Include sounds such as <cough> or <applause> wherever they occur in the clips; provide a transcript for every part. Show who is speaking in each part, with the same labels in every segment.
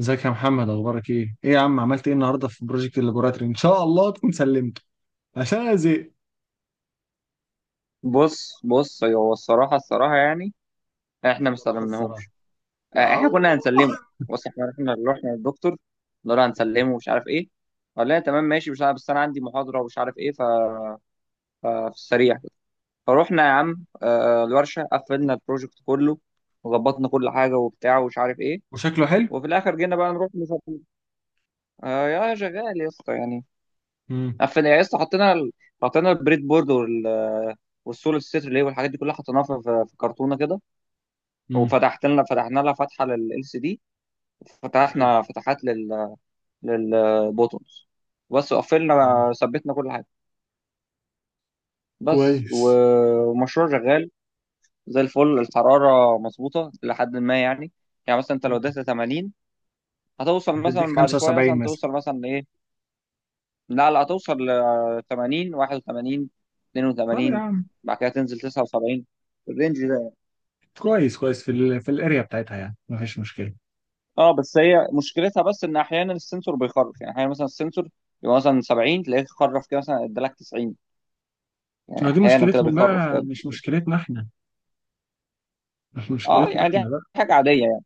Speaker 1: ازيك يا محمد، اخبارك ايه؟ ايه يا عم، عملت ايه النهارده في بروجكت اللابوراتوري؟ ان شاء الله تكون سلمته عشان انا زهقت.
Speaker 2: بص بص، هو الصراحة الصراحة يعني احنا ما
Speaker 1: الصراحه الصراحه
Speaker 2: استخدمناهوش. آه،
Speaker 1: يا
Speaker 2: احنا كنا هنسلمه.
Speaker 1: <laughs>
Speaker 2: بص، احنا اللي رحنا للدكتور، قلنا له
Speaker 1: الله.
Speaker 2: هنسلمه ومش عارف ايه. قال لنا تمام ماشي مش عارف، بس انا عندي محاضرة ومش عارف ايه ففي السريع كده. فروحنا يا عم، آه، الورشة قفلنا البروجكت كله، وظبطنا كل حاجة وبتاع ومش عارف ايه.
Speaker 1: وشكله حلو؟
Speaker 2: وفي الاخر جينا بقى نروح نسلمه. آه، يا شغال يا اسطى يعني.
Speaker 1: امم
Speaker 2: قفلنا يا اسطى، حطينا حطينا البريد بورد وال، والسول الستر ليه والحاجات دي كلها حطيناها في كرتونة كده.
Speaker 1: امم
Speaker 2: وفتحت لنا، فتحنا لها فتحه لل سي دي.
Speaker 1: حلو.
Speaker 2: وفتحنا فتحات لل، للبوتونز. بس
Speaker 1: مم.
Speaker 2: قفلنا، ثبتنا كل حاجه. بس
Speaker 1: كويس.
Speaker 2: ومشروع شغال زي الفل. الحراره مظبوطه لحد ما يعني. يعني مثلا انت لو
Speaker 1: مم.
Speaker 2: اديتها 80، هتوصل مثلا
Speaker 1: هتديك
Speaker 2: بعد شويه،
Speaker 1: 75
Speaker 2: مثلا
Speaker 1: مثلا.
Speaker 2: توصل مثلا ايه. لا لا، هتوصل ل 80، 81،
Speaker 1: طب يا
Speaker 2: 82.
Speaker 1: عم،
Speaker 2: بعد كده تنزل 79. الرينج ده.
Speaker 1: كويس كويس في ال في الاريا بتاعتها يعني مفيش مشكله.
Speaker 2: اه، بس هي مشكلتها بس ان احيانا السنسور بيخرف يعني. احيانا مثلا السنسور يبقى مثلا 70، تلاقيه خرف كده مثلا ادالك 90. يعني
Speaker 1: ما دي
Speaker 2: احيانا كده
Speaker 1: مشكلتهم
Speaker 2: بيخرف
Speaker 1: بقى،
Speaker 2: كده.
Speaker 1: مش مشكلتنا احنا، مش
Speaker 2: اه
Speaker 1: مشكلتنا
Speaker 2: يعني دي
Speaker 1: احنا بقى.
Speaker 2: حاجه عاديه يعني.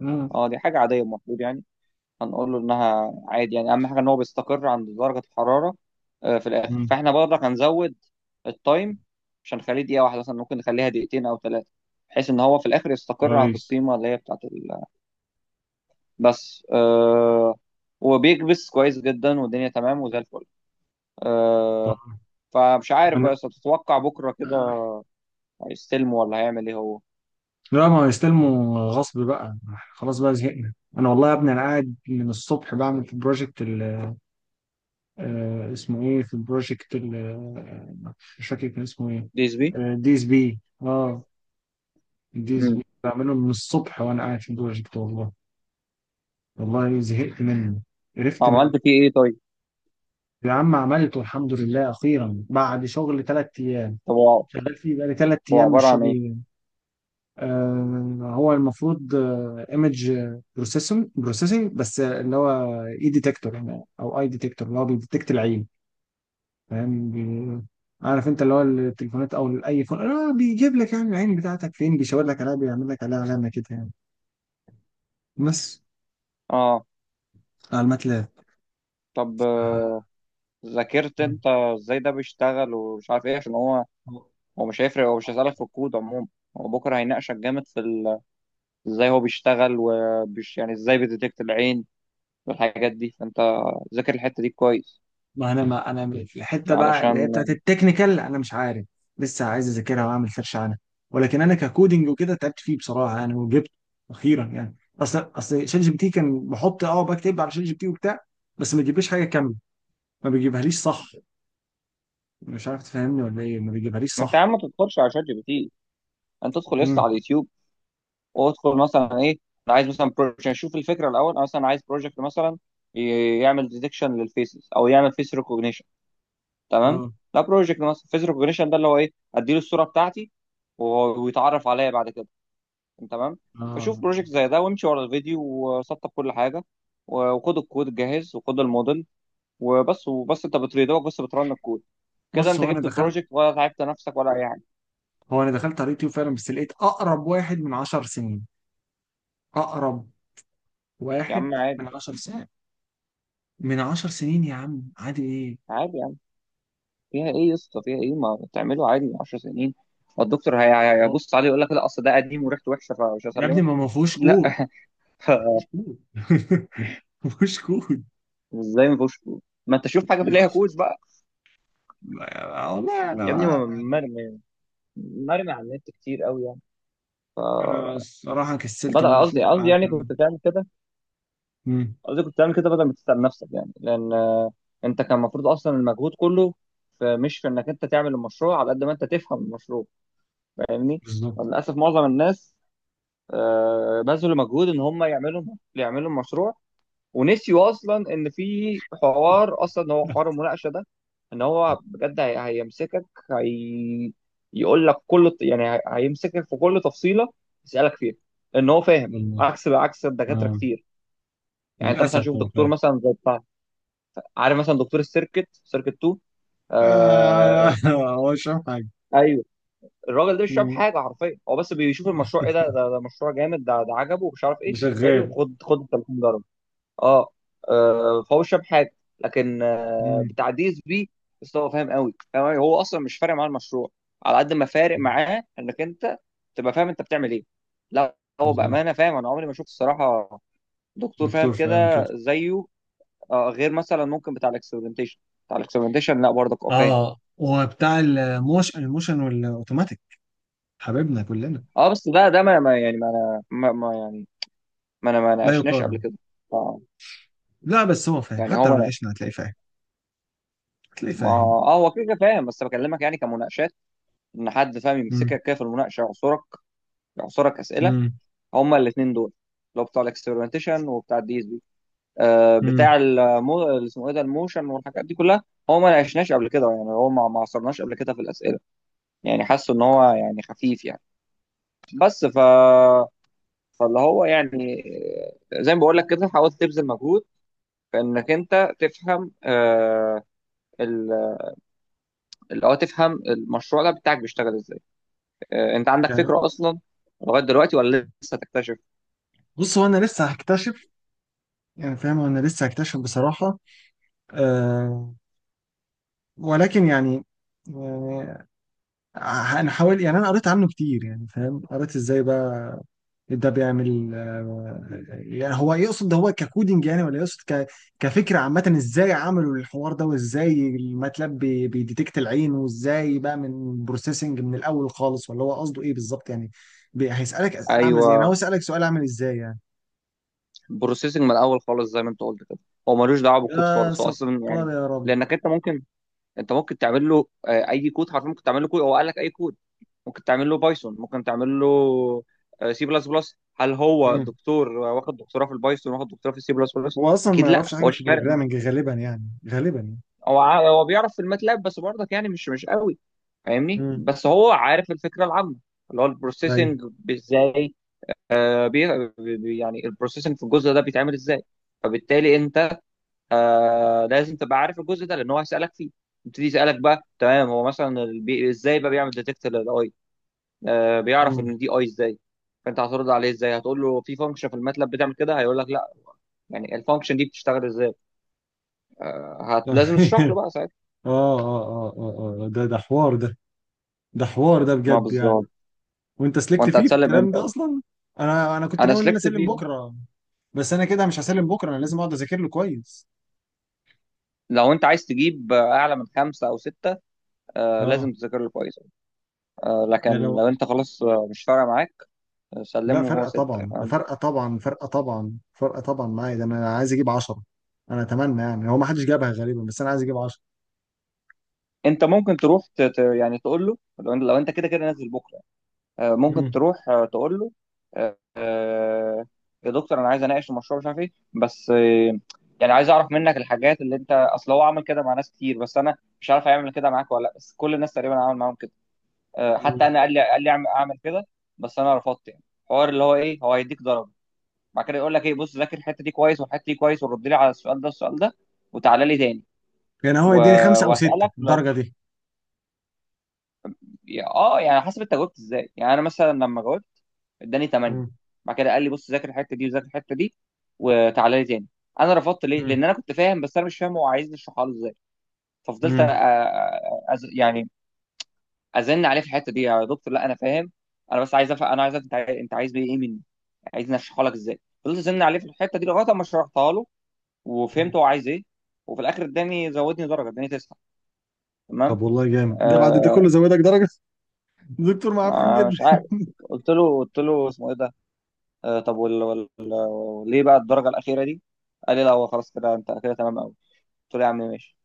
Speaker 1: امم
Speaker 2: اه دي حاجه عاديه المفروض يعني. هنقول له انها عادي يعني، اهم حاجه ان هو بيستقر عند درجه الحراره. آه، في الاخر
Speaker 1: امم
Speaker 2: فاحنا برضك هنزود التايم. مش هنخليه 1 دقيقه مثلا، ممكن نخليها 2 او 3 دقايق، بحيث ان هو في الاخر يستقر عند
Speaker 1: كويس.
Speaker 2: القيمه اللي هي بتاعت ال... بس آه، وبيكبس كويس جدا والدنيا تمام وزي الفل.
Speaker 1: طب
Speaker 2: آه، فمش عارف بقى، بس تتوقع بكره كده
Speaker 1: انا.
Speaker 2: هيستلمه ولا هيعمل ايه هو؟
Speaker 1: لا، ما هو يستلموا غصب بقى. خلاص بقى زهقنا. انا والله يا ابني، انا قاعد من الصبح بعمل في البروجكت اسمه ايه، في البروجكت آه، مش فاكر كان اسمه ايه.
Speaker 2: ديزبي.
Speaker 1: دي اس بي. اه، دي اس
Speaker 2: امم.
Speaker 1: بي بعمله من الصبح وانا قاعد في البروجكت والله. والله زهقت منه، قرفت منه.
Speaker 2: عملت فيه ايه طيب؟
Speaker 1: يا عم عملته الحمد لله اخيرا بعد شغل ثلاث ايام.
Speaker 2: طب هو
Speaker 1: شغال فيه بقالي ثلاث
Speaker 2: هو
Speaker 1: ايام
Speaker 2: عباره
Speaker 1: مش
Speaker 2: عن ايه؟
Speaker 1: راضي. هو المفروض ايمج بروسيسنج، بس اللي هو اي ديتكتور يعني، او اي ديتكتور اللي هو بيديتكت العين، فاهم. عارف انت اللي هو التليفونات او اي فون، بيجيب لك يعني العين بتاعتك فين، بيشاور لك عليها، بيعمل لك عليها علامه كده يعني، بس
Speaker 2: اه.
Speaker 1: على الماتلاب.
Speaker 2: طب آه، ذاكرت انت ازاي ده بيشتغل ومش عارف ايه، عشان هو، هو مش هيفرق، هو
Speaker 1: ف...
Speaker 2: مش هيسالك في الكود عموما. هو بكره هيناقشك جامد في ال، ازاي هو بيشتغل وبيش يعني ازاي بيديتكت العين والحاجات دي. فانت ذاكر الحته دي كويس
Speaker 1: ما انا في الحته بقى اللي هي
Speaker 2: علشان.
Speaker 1: بتاعت التكنيكال، انا مش عارف، لسه عايز اذاكرها واعمل سيرش عنها. ولكن انا ككودنج وكده تعبت فيه بصراحه يعني، وجبت اخيرا يعني. اصل شات جي بي تي كان بحط اه بكتب على شات جي بي تي وبتاع، بس ما بيجيبليش حاجه كامله. ما بيجيبهاليش صح، مش عارف تفهمني ولا ايه؟ ما بيجيبهاليش
Speaker 2: ما انت يا
Speaker 1: صح.
Speaker 2: عم ما تدخلش على شات جي بي تي. انت تدخل لسه
Speaker 1: امم.
Speaker 2: على اليوتيوب، وادخل مثلا ايه، انا عايز مثلا بروجكت، اشوف الفكره الاول، انا مثلا عايز بروجكت مثلا يعمل ديتكشن للفيسز، او يعمل فيس ريكوجنيشن. تمام.
Speaker 1: اه.
Speaker 2: لا، بروجكت مثلا فيس ريكوجنيشن، ده اللي هو ايه، اديله الصوره بتاعتي ويتعرف عليا بعد كده. تمام. فشوف
Speaker 1: اه
Speaker 2: بروجكت زي ده وامشي ورا الفيديو، وسطب كل حاجه وخد الكود الجاهز وخد الموديل، وبس. وبس انت بتريدوك، بس بترن الكود. كده
Speaker 1: بص،
Speaker 2: انت جبت البروجكت ولا تعبت نفسك ولا اي حاجه.
Speaker 1: هو انا دخلت على اليوتيوب فعلا بس لقيت اقرب واحد من 10 سنين. اقرب
Speaker 2: يا عم
Speaker 1: واحد
Speaker 2: عادي.
Speaker 1: من 10 سنين. من 10 سنين يا عم، عادي ايه.
Speaker 2: عادي، فيها ايه يا اسطى؟ فيها ايه؟ ما تعمله عادي، 10 سنين. الدكتور هيبص عليه يقول لك لا، اصل ده قديم وريحته وحشه فمش
Speaker 1: يا ابني
Speaker 2: هسلمه
Speaker 1: ما
Speaker 2: <laughs>
Speaker 1: فيهوش
Speaker 2: أكيد لا.
Speaker 1: كود. ما فيهوش كود <laughs> ما فيهوش كود.
Speaker 2: ازاي ما فيهوش كود؟ ما انت شوف حاجه في
Speaker 1: من
Speaker 2: ليها
Speaker 1: عشرة.
Speaker 2: كود بقى.
Speaker 1: والله، انا
Speaker 2: يا ابني
Speaker 1: بقى يعني،
Speaker 2: مرمي، مرمي على النت كتير قوي يعني.
Speaker 1: انا الصراحه كسلت ان
Speaker 2: بدأ
Speaker 1: انا اشوف،
Speaker 2: قصدي قصدي
Speaker 1: قعدت
Speaker 2: يعني
Speaker 1: اعمل.
Speaker 2: كنت تعمل كده.
Speaker 1: مم.
Speaker 2: قصدي كنت تعمل كده بدل ما تتعب نفسك، يعني لان آه، انت كان المفروض اصلا المجهود كله في، مش في انك انت تعمل المشروع، على قد ما انت تفهم المشروع. فاهمني؟
Speaker 1: بالظبط.
Speaker 2: للاسف معظم الناس آه، بذلوا مجهود ان هم يعملوا، يعملوا المشروع، ونسيوا اصلا ان في حوار، اصلا هو حوار
Speaker 1: <laughs>
Speaker 2: المناقشه ده. ان هو بجد هيمسكك، هي، يقول لك كل يعني هيمسكك في كل تفصيله، يسالك فيها. ان هو فاهم،
Speaker 1: والله.
Speaker 2: عكس عكس الدكاتره
Speaker 1: اه.
Speaker 2: كتير. يعني انت مثلا
Speaker 1: للاسف
Speaker 2: شوف
Speaker 1: هو
Speaker 2: دكتور
Speaker 1: فاهم.
Speaker 2: مثلا زي بتاع، عارف مثلا دكتور السيركت، سيركت 2.
Speaker 1: آه،
Speaker 2: آه.
Speaker 1: <laughs> هو مش فاهم حاجه.
Speaker 2: ايوه، الراجل ده مش شايف
Speaker 1: مم.
Speaker 2: حاجه حرفيا، هو بس بيشوف المشروع ايه ده، ده، ده مشروع جامد، ده ده عجبه ومش عارف
Speaker 1: ده
Speaker 2: ايه.
Speaker 1: شغال.
Speaker 2: حلو، خد خد ال 30 درجه. اه. آه، فهو مش فاهم حاجه. لكن آه،
Speaker 1: مم.
Speaker 2: بتاع دي اس بي، بس هو فاهم قوي، فاهم أوي. هو اصلا مش فارق معاه المشروع، على قد ما فارق معاه انك انت تبقى فاهم انت بتعمل ايه. لا، هو
Speaker 1: بالظبط.
Speaker 2: بامانه فاهم. انا عمري ما شفت الصراحه دكتور فاهم
Speaker 1: دكتور فاهم كده.
Speaker 2: كده زيه. آه، غير مثلا ممكن بتاع الاكسبerimentation. بتاع الاكسبerimentation لا برضك اه فاهم.
Speaker 1: اه وبتاع الموشن والاوتوماتيك، حبيبنا كلنا.
Speaker 2: اه، بس ده يعني ما انا ما ما- يعني ما انا ما
Speaker 1: لا
Speaker 2: ناقشناش قبل
Speaker 1: يقارن.
Speaker 2: كده. آه،
Speaker 1: لا بس هو فاهم،
Speaker 2: يعني هو
Speaker 1: حتى لو
Speaker 2: ما،
Speaker 1: ناقشنا هتلاقيه فاهم، هتلاقيه فاهم.
Speaker 2: هو كده كده فاهم، بس بكلمك يعني كمناقشات، ان حد فاهم
Speaker 1: مم.
Speaker 2: يمسكك كده في المناقشه، يعصرك. يعصرك اسئله.
Speaker 1: مم.
Speaker 2: هما الاثنين دول، اللي هو بتاع الاكسبيرمنتيشن وبتاع الدي اس بي. آه
Speaker 1: مم.
Speaker 2: بتاع المو، اللي اسمه ايه ده، الموشن والحاجات دي كلها. هو ما ناقشناش قبل كده يعني، هو ما عصرناش قبل كده في الاسئله. يعني حاسه ان هو يعني خفيف يعني. بس ف، فاللي هو يعني آه، زي ما بقول لك كده، حاول تبذل مجهود في انك انت تفهم آه، ال، اللي هو تفهم المشروع ده بتاعك بيشتغل ازاي. آه، انت عندك
Speaker 1: يعني
Speaker 2: فكره اصلا لغايه دلوقتي ولا لسه تكتشف؟
Speaker 1: بص، هو انا لسه هكتشف، يعني فاهم، انا لسه هكتشف بصراحة. أه. ولكن يعني، يعني انا حاول يعني، انا قريت عنه كتير يعني، فاهم قريت ازاي بقى ده بيعمل، يعني هو يقصد ده هو ككودينج يعني، ولا يقصد كفكرة عامة، ازاي عملوا الحوار ده، وازاي الماتلاب بيديتكت العين، وازاي بقى من بروسيسنج من الاول خالص، ولا هو قصده ايه بالظبط يعني. هيسألك اسئلة عاملة ازاي يعني؟
Speaker 2: ايوه،
Speaker 1: هو سألك سؤال عامل ازاي يعني؟
Speaker 2: بروسيسنج من الاول خالص زي ما انت قلت كده، هو ملوش دعوه بالكود
Speaker 1: يا
Speaker 2: خالص، هو اصلا يعني،
Speaker 1: ستار يا رب.
Speaker 2: لانك انت ممكن، انت ممكن تعمل له آه، اي كود حرفيا، ممكن تعمل له كود، هو قال لك اي كود. ممكن تعمل له بايثون، ممكن تعمل له سي بلس بلس. هل هو
Speaker 1: مم.
Speaker 2: دكتور آه، واخد دكتوراه في البايثون، واخد دكتوراه في السي بلس بلس؟
Speaker 1: هو اصلا ما
Speaker 2: اكيد لا،
Speaker 1: يعرفش
Speaker 2: هو
Speaker 1: حاجه في
Speaker 2: مش فارق معاه.
Speaker 1: البروجرامنج غالبا يعني، غالبا يعني.
Speaker 2: هو هو بيعرف في الماتلاب بس برضك يعني، مش مش قوي. فاهمني؟
Speaker 1: امم.
Speaker 2: بس هو عارف الفكره العامه، اللي هو
Speaker 1: ايوه.
Speaker 2: البروسيسنج ازاي. آه، يعني البروسيسنج في الجزء ده بيتعمل ازاي. فبالتالي انت آه لازم تبقى عارف الجزء ده، لان هو هيسالك فيه. يبتدي يسالك بقى، تمام، هو مثلا البي، ازاي بقى بيعمل ديتكت للاي. آه، بيعرف
Speaker 1: مم.
Speaker 2: ان دي اي ازاي. فانت هترد عليه ازاي؟ هتقول له في فانكشن في الماتلاب بتعمل كده، هيقول لك لا، يعني الفانكشن دي بتشتغل ازاي. آه هت، لازم تشرح له
Speaker 1: <laughs> اه
Speaker 2: بقى ساعتها.
Speaker 1: اه اه اه اه، ده حوار ده، ده حوار ده
Speaker 2: ما
Speaker 1: بجد يعني.
Speaker 2: بالظبط.
Speaker 1: وانت سلكت
Speaker 2: وانت
Speaker 1: فيه في
Speaker 2: هتسلم
Speaker 1: الكلام
Speaker 2: امتى
Speaker 1: ده
Speaker 2: اصلا؟
Speaker 1: اصلا. انا كنت
Speaker 2: انا
Speaker 1: ناوي ان انا
Speaker 2: سلكت
Speaker 1: اسلم
Speaker 2: فيه.
Speaker 1: بكره، بس انا كده مش هسلم بكره، انا لازم اقعد اذاكر له كويس.
Speaker 2: لو انت عايز تجيب آه، اعلى من 5 او 6، آه
Speaker 1: اه
Speaker 2: لازم تذاكر له كويس. آه
Speaker 1: يعني
Speaker 2: لكن
Speaker 1: لو.
Speaker 2: لو انت خلاص آه، مش فارقه معاك، آه،
Speaker 1: لا،
Speaker 2: سلمه هو
Speaker 1: فرقه
Speaker 2: 6
Speaker 1: طبعا، ده
Speaker 2: يعني.
Speaker 1: فرقه طبعا، فرقه طبعا، فرقه طبعا معايا ده، انا عايز اجيب 10. انا اتمنى يعني، هو ما حدش جابها غالبا بس انا عايز اجيب
Speaker 2: انت ممكن تروح يعني تقول له، لو انت لو انت كده كده نازل بكره، آه، ممكن
Speaker 1: 10.
Speaker 2: تروح آه، تقول له آه، آه، يا دكتور انا عايز اناقش المشروع مش عارف ايه بس آه، يعني عايز اعرف منك الحاجات اللي انت، اصل هو عمل كده مع ناس كتير، بس انا مش عارف هيعمل كده معاك ولا لا، بس كل الناس تقريبا عمل معاهم كده. آه، حتى انا قال لي، قال لي اعمل أعمل كده، بس انا رفضت يعني. حوار اللي هو ايه، هو هيديك ضرب. بعد كده يقول لك ايه، بص ذاكر الحته دي كويس والحته دي كويس، ورد لي على السؤال ده السؤال ده، وتعالى لي تاني.
Speaker 1: يعني هو
Speaker 2: و-
Speaker 1: يديني خمسة أو ستة
Speaker 2: واسالك لو
Speaker 1: الدرجة دي.
Speaker 2: اه يعني حسب انت جاوبت ازاي. يعني انا مثلا لما جاوبت اداني 8.
Speaker 1: مم.
Speaker 2: بعد كده قال لي بص، ذاكر الحته دي وذاكر الحته دي وتعالى لي تاني. انا رفضت ليه،
Speaker 1: مم.
Speaker 2: لان انا كنت فاهم بس انا مش فاهم هو عايزني اشرحها له ازاي. ففضلت
Speaker 1: مم.
Speaker 2: يعني ازن عليه في الحته دي، يا دكتور لا انا فاهم، انا بس عايز أفهم. انا عايز أفهم انت انت عايز بيه ايه مني، عايزني اشرحها لك ازاي. فضلت ازن عليه في الحته دي لغايه ما شرحتها له
Speaker 1: مم.
Speaker 2: وفهمت هو عايز ايه. وفي الاخر اداني، زودني درجه، اداني 9. تمام.
Speaker 1: طب والله جامد، ده بعد ده
Speaker 2: آه.
Speaker 1: كله زودك درجة. <laughs> دكتور معفن
Speaker 2: آه،
Speaker 1: جدا.
Speaker 2: مش عارف. قلت له، قلت له اسمه ايه ده، آه طب وال، وال، ليه بقى الدرجه الاخيره دي؟ قال لي لا هو خلاص كده انت كده تمام قوي. قلت له يا عم ماشي.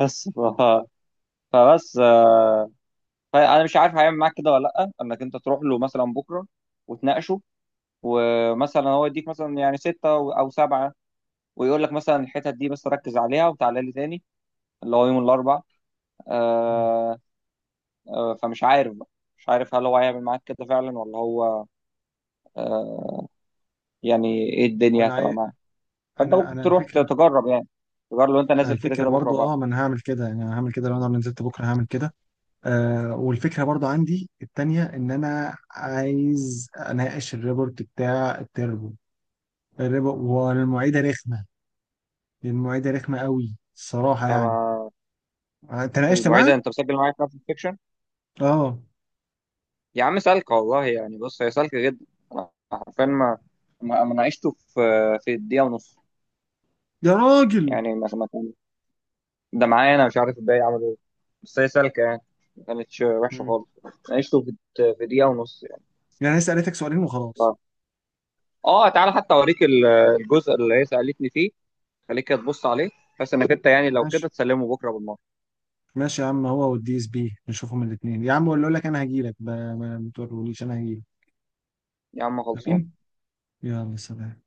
Speaker 2: بس ف، فبس آه، فانا مش عارف هيعمل معاك كده ولا لا، انك انت تروح له مثلا بكره وتناقشه، ومثلا هو يديك مثلا يعني 6 او 7، ويقول لك مثلا الحتت دي بس ركز عليها وتعالى لي تاني، اللي هو يوم الاربعاء.
Speaker 1: مم.
Speaker 2: آه، آه، فمش عارف بقى. مش عارف هل هو هيعمل معاك كده فعلا ولا هو آه، يعني ايه الدنيا
Speaker 1: وأنا
Speaker 2: هتبقى
Speaker 1: عايز.
Speaker 2: معاه. فانت
Speaker 1: أنا
Speaker 2: ممكن
Speaker 1: أنا
Speaker 2: تروح
Speaker 1: الفكرة.
Speaker 2: تجرب يعني. تجرب لو انت
Speaker 1: أنا
Speaker 2: نازل كده كده
Speaker 1: الفكرة
Speaker 2: بكره
Speaker 1: برضو.
Speaker 2: وبعد.
Speaker 1: أه، ما أنا هعمل كده يعني، أنا هعمل كده لو أنا نزلت بكرة هعمل كده. والفكرة برضو عندي التانية، إن أنا عايز أناقش الريبورت بتاع التربو. الريبو. والمعيدة رخمة، المعيدة رخمة قوي الصراحة يعني.
Speaker 2: اما
Speaker 1: تناقشت معاها؟
Speaker 2: المعيده، انت مسجل معايا في نفس السكشن.
Speaker 1: أه.
Speaker 2: يا عم سالكه والله يعني. بص هي سالكه جدا. انا حرفيا ما ناقشته في 1.5 دقيقه
Speaker 1: يا راجل.
Speaker 2: يعني. ما كان، ده معايا انا، مش عارف الباقي عملوا ايه. بس هي سالكه يعني، ما كانتش وحشه
Speaker 1: مم.
Speaker 2: خالص. ناقشته في دقيقه ونص يعني.
Speaker 1: يعني أنا لسه قالتك سؤالين وخلاص.
Speaker 2: ف- اه تعالى حتى اوريك الجزء اللي هي سالتني فيه. خليك تبص عليه. بس انك انت يعني لو
Speaker 1: ماشي،
Speaker 2: كده تسلمه بكره بالمره.
Speaker 1: ماشي يا عم، هو والدي اس بي نشوفهم الاثنين. يا عم اقول لك، انا هجيلك. ما تقولوليش، انا هجيلك.
Speaker 2: يا عم خلصان.
Speaker 1: امين. يلا، سلام.